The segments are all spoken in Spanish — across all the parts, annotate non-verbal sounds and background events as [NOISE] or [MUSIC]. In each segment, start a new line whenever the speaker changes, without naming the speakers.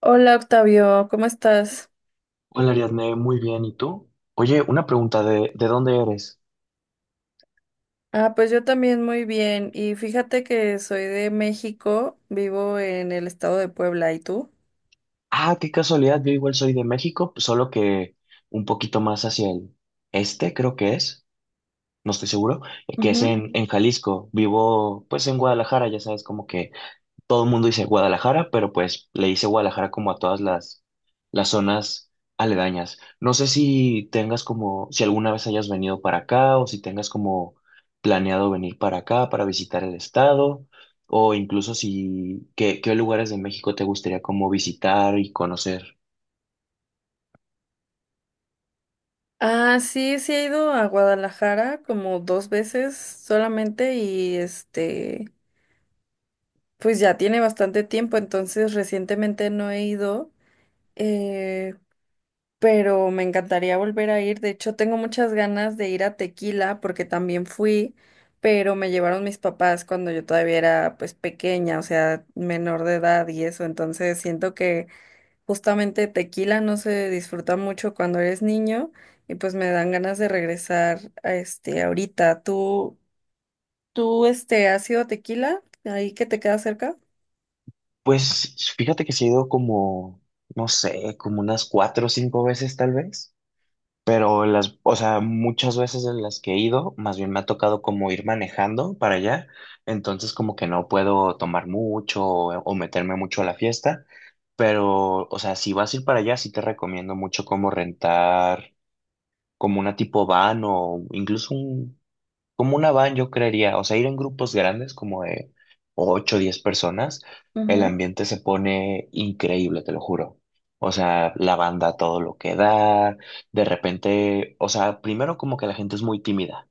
Hola Octavio, ¿cómo estás?
Hola Ariadne, muy bien. ¿Y tú? Oye, una pregunta ¿de dónde eres?
Ah, pues yo también muy bien. Y fíjate que soy de México, vivo en el estado de Puebla, ¿y tú?
Ah, qué casualidad, yo igual soy de México, solo que un poquito más hacia el este, creo que es, no estoy seguro, que es
Ujú.
en Jalisco. Vivo pues en Guadalajara, ya sabes, como que todo el mundo dice Guadalajara, pero pues le dice Guadalajara como a todas las zonas aledañas. No sé si tengas como, si alguna vez hayas venido para acá o si tengas como planeado venir para acá para visitar el estado o incluso si, qué, qué lugares de México te gustaría como visitar y conocer.
Ah, sí, sí he ido a Guadalajara como dos veces solamente y pues ya tiene bastante tiempo, entonces recientemente no he ido. Eh, pero me encantaría volver a ir. De hecho, tengo muchas ganas de ir a Tequila porque también fui, pero me llevaron mis papás cuando yo todavía era pues pequeña, o sea, menor de edad y eso. Entonces siento que justamente Tequila no se disfruta mucho cuando eres niño y pues me dan ganas de regresar a este ahorita. ¿¿Tú, ¿has ido a Tequila? Ahí que te queda cerca.
Pues fíjate que se ha ido como, no sé, como unas cuatro o cinco veces tal vez. Pero las, o sea, muchas veces en las que he ido, más bien me ha tocado como ir manejando para allá, entonces como que no puedo tomar mucho o meterme mucho a la fiesta, pero, o sea, si vas a ir para allá, sí te recomiendo mucho como rentar como una tipo van o incluso un como una van, yo creería, o sea, ir en grupos grandes, como de 8 o 10 personas, el ambiente se pone increíble, te lo juro. O sea, la banda todo lo que da, de repente, o sea, primero como que la gente es muy tímida,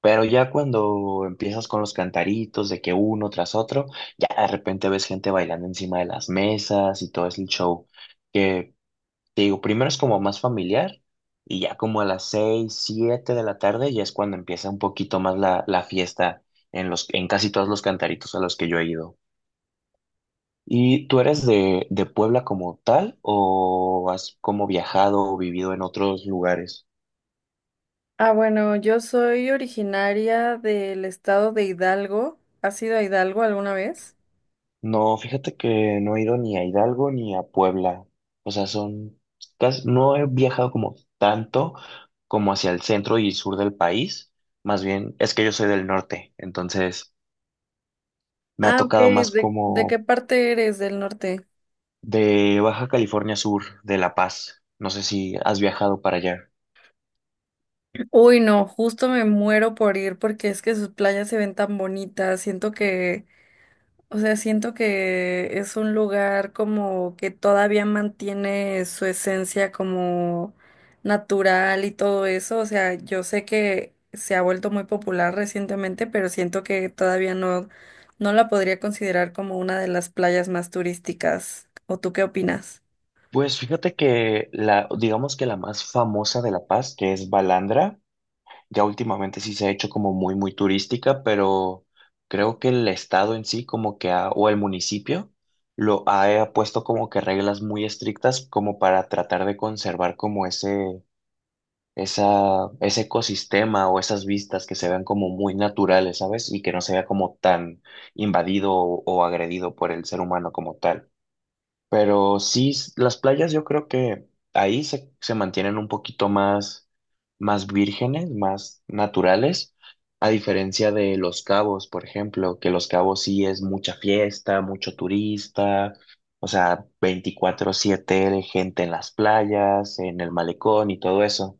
pero ya cuando empiezas con los cantaritos de que uno tras otro, ya de repente ves gente bailando encima de las mesas y todo es el show, que te digo, primero es como más familiar y ya como a las seis, siete de la tarde ya es cuando empieza un poquito más la fiesta en en casi todos los cantaritos a los que yo he ido. ¿Y tú eres de Puebla como tal o has como viajado o vivido en otros lugares?
Ah, bueno, yo soy originaria del estado de Hidalgo. ¿Has ido a Hidalgo alguna vez?
No, fíjate que no he ido ni a Hidalgo ni a Puebla. O sea, son casi, no he viajado como tanto como hacia el centro y sur del país. Más bien, es que yo soy del norte, entonces me ha
Ah, ok.
tocado más
¿¿De qué
como
parte eres del norte?
de Baja California Sur, de La Paz. No sé si has viajado para allá.
Uy, no, justo me muero por ir porque es que sus playas se ven tan bonitas. Siento que, o sea, siento que es un lugar como que todavía mantiene su esencia como natural y todo eso. O sea, yo sé que se ha vuelto muy popular recientemente, pero siento que todavía no la podría considerar como una de las playas más turísticas. ¿O tú qué opinas?
Pues fíjate que la, digamos que la más famosa de La Paz, que es Balandra, ya últimamente sí se ha hecho como muy, muy turística, pero creo que el estado en sí, como que ha, o el municipio, lo ha puesto como que reglas muy estrictas como para tratar de conservar como ese esa, ese ecosistema o esas vistas que se vean como muy naturales, ¿sabes? Y que no se vea como tan invadido o agredido por el ser humano como tal. Pero sí, las playas yo creo que ahí se, se mantienen un poquito más, más vírgenes, más naturales, a diferencia de Los Cabos, por ejemplo, que Los Cabos sí es mucha fiesta, mucho turista. O sea, 24/7 gente en las playas, en el malecón y todo eso.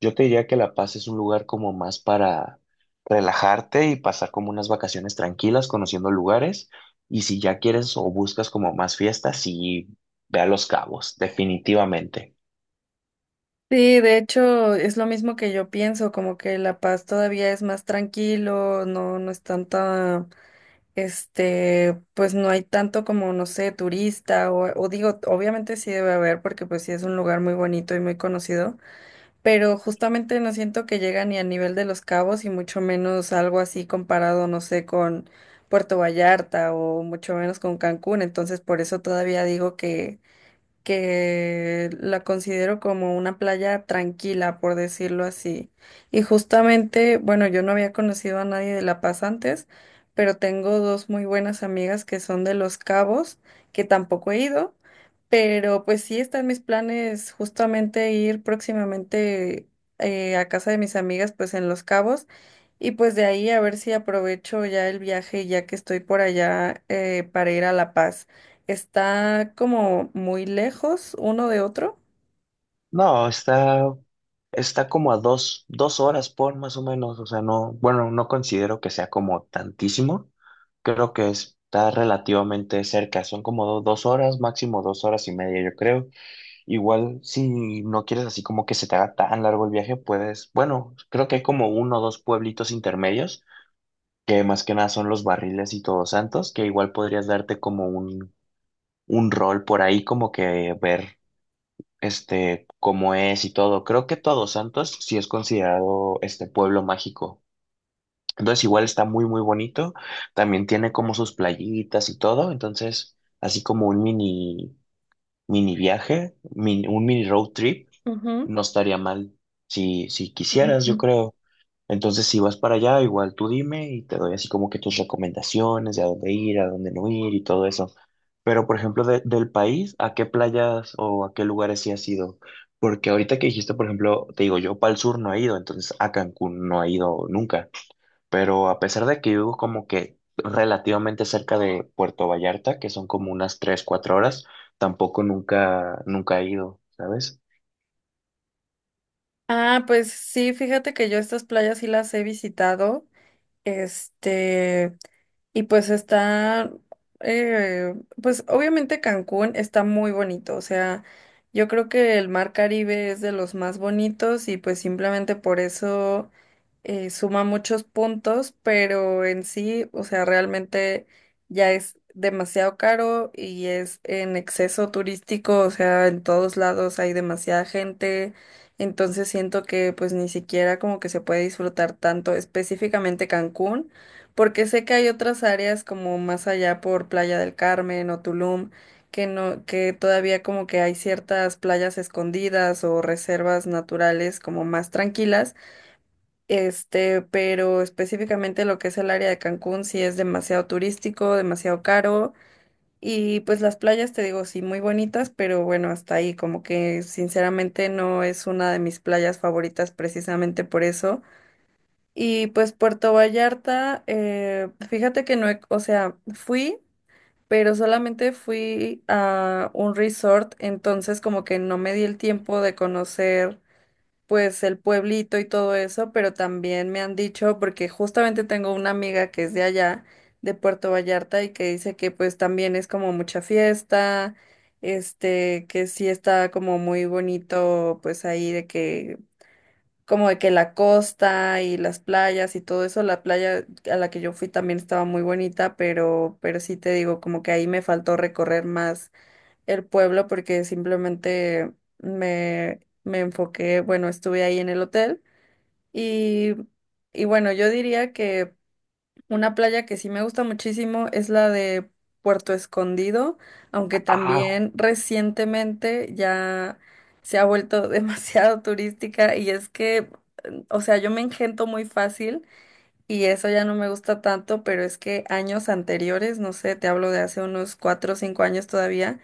Yo te diría que La Paz es un lugar como más para relajarte y pasar como unas vacaciones tranquilas, conociendo lugares. Y si ya quieres o buscas como más fiestas, sí, ve a Los Cabos, definitivamente.
Sí, de hecho, es lo mismo que yo pienso, como que La Paz todavía es más tranquilo, no es tanta. Este, pues no hay tanto como, no sé, turista o digo, obviamente sí debe haber porque pues sí es un lugar muy bonito y muy conocido, pero justamente no siento que llega ni a nivel de Los Cabos y mucho menos algo así comparado, no sé, con Puerto Vallarta o mucho menos con Cancún, entonces por eso todavía digo que la considero como una playa tranquila, por decirlo así. Y justamente, bueno, yo no había conocido a nadie de La Paz antes, pero tengo dos muy buenas amigas que son de Los Cabos, que tampoco he ido, pero pues sí están mis planes justamente ir próximamente a casa de mis amigas, pues en Los Cabos. Y pues de ahí a ver si aprovecho ya el viaje, ya que estoy por allá, para ir a La Paz. Está como muy lejos uno de otro.
No, está como a dos, dos horas por más o menos. O sea, no, bueno, no considero que sea como tantísimo. Creo que está relativamente cerca. Son como dos horas, máximo dos horas y media, yo creo. Igual, si no quieres así como que se te haga tan largo el viaje, puedes, bueno, creo que hay como uno o dos pueblitos intermedios, que más que nada son los Barriles y Todos Santos, que igual podrías darte como un rol por ahí, como que ver este cómo es y todo. Creo que Todos Santos sí es considerado este pueblo mágico. Entonces igual está muy muy bonito, también tiene como sus playitas y todo, entonces así como un mini mini viaje, un mini road trip
Ujú.
no estaría mal si, si quisieras, yo
[CLEARS THROAT]
creo. Entonces, si vas para allá, igual tú dime y te doy así como que tus recomendaciones de a dónde ir, a dónde no ir y todo eso. Pero, por ejemplo, del país, ¿a qué playas o a qué lugares sí has ido? Porque ahorita que dijiste, por ejemplo, te digo, yo para el sur no he ido, entonces a Cancún no he ido nunca. Pero a pesar de que vivo como que relativamente cerca de Puerto Vallarta, que son como unas 3 4 horas, tampoco nunca, nunca he ido, ¿sabes?
Ah, pues sí, fíjate que yo estas playas sí las he visitado. Este, y pues está, eh, pues obviamente Cancún está muy bonito, o sea, yo creo que el mar Caribe es de los más bonitos y pues simplemente por eso suma muchos puntos, pero en sí, o sea, realmente ya es demasiado caro y es en exceso turístico, o sea, en todos lados hay demasiada gente, entonces siento que pues ni siquiera como que se puede disfrutar tanto específicamente Cancún, porque sé que hay otras áreas como más allá por Playa del Carmen o Tulum, que no, que todavía como que hay ciertas playas escondidas o reservas naturales como más tranquilas. Este, pero específicamente lo que es el área de Cancún sí es demasiado turístico, demasiado caro, y pues las playas, te digo, sí, muy bonitas, pero bueno, hasta ahí, como que sinceramente no es una de mis playas favoritas precisamente por eso. Y pues Puerto Vallarta, fíjate que no, o sea, fui, pero solamente fui a un resort, entonces como que no me di el tiempo de conocer pues el pueblito y todo eso, pero también me han dicho, porque justamente tengo una amiga que es de allá, de Puerto Vallarta, y que dice que pues también es como mucha fiesta. Este, que sí está como muy bonito, pues ahí de que, como de que la costa y las playas y todo eso, la playa a la que yo fui también estaba muy bonita, pero sí te digo, como que ahí me faltó recorrer más el pueblo porque simplemente me enfoqué, bueno, estuve ahí en el hotel, y, y bueno, yo diría que una playa que sí me gusta muchísimo es la de Puerto Escondido, aunque
Ah,
también recientemente ya se ha vuelto [LAUGHS] demasiado turística y es que, o sea, yo me engento muy fácil. Y eso ya no me gusta tanto, pero es que años anteriores, no sé, te hablo de hace unos 4 o 5 años todavía,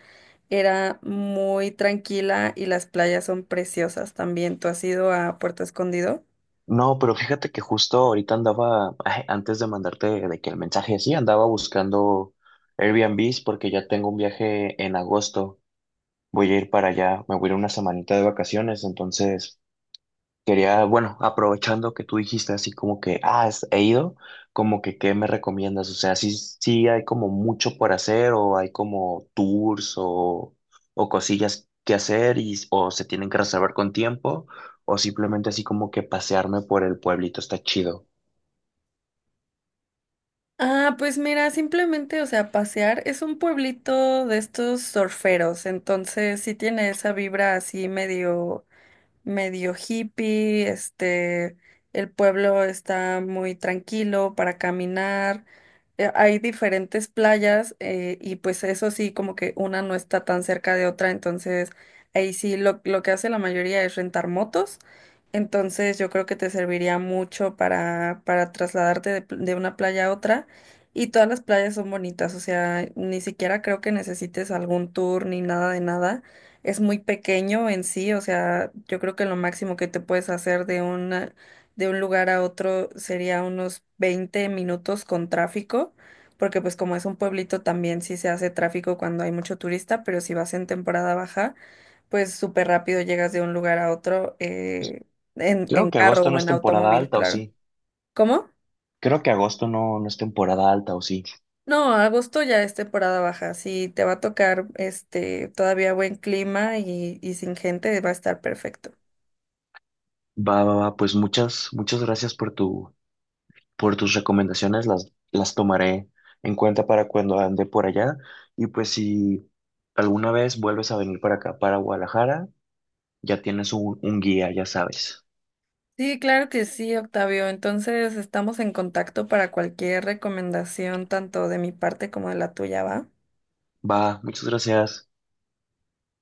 era muy tranquila y las playas son preciosas también. ¿Tú has ido a Puerto Escondido?
no, pero fíjate que justo ahorita andaba, [LAUGHS] antes de mandarte de que el mensaje, sí, andaba buscando Airbnbs porque ya tengo un viaje en agosto. Voy a ir para allá, me voy a ir una semanita de vacaciones, entonces quería, bueno, aprovechando que tú dijiste así como que, ah, he ido, como que, ¿qué me recomiendas? O sea, sí, sí hay como mucho por hacer o hay como tours o cosillas que hacer y, o se tienen que reservar con tiempo o simplemente así como que pasearme por el pueblito está chido.
Ah, pues mira, simplemente, o sea, pasear es un pueblito de estos surferos, entonces sí tiene esa vibra así medio, medio hippie. Este, el pueblo está muy tranquilo para caminar. Hay diferentes playas, y pues eso sí, como que una no está tan cerca de otra, entonces ahí sí lo que hace la mayoría es rentar motos, entonces yo creo que te serviría mucho para trasladarte de, de una playa a otra, y todas las playas son bonitas, o sea, ni siquiera creo que necesites algún tour ni nada de nada. Es muy pequeño en sí, o sea, yo creo que lo máximo que te puedes hacer de un, de un lugar a otro sería unos 20 minutos con tráfico, porque pues como es un pueblito también sí se hace tráfico cuando hay mucho turista, pero si vas en temporada baja, pues súper rápido llegas de un lugar a otro. En
Creo que
carro
agosto
o
no es
en
temporada
automóvil,
alta o sí.
claro. ¿Cómo?
Creo que agosto no, no es temporada alta o sí.
No, agosto ya es temporada baja, sí te va a tocar este todavía buen clima y sin gente, va a estar perfecto.
Va, va, va, pues muchas, muchas gracias por tu, por tus recomendaciones las tomaré en cuenta para cuando ande por allá. Y pues si alguna vez vuelves a venir para acá, para Guadalajara, ya tienes un guía, ya sabes.
Sí, claro que sí, Octavio. Entonces estamos en contacto para cualquier recomendación, tanto de mi parte como de la tuya, ¿va?
Va, muchas gracias.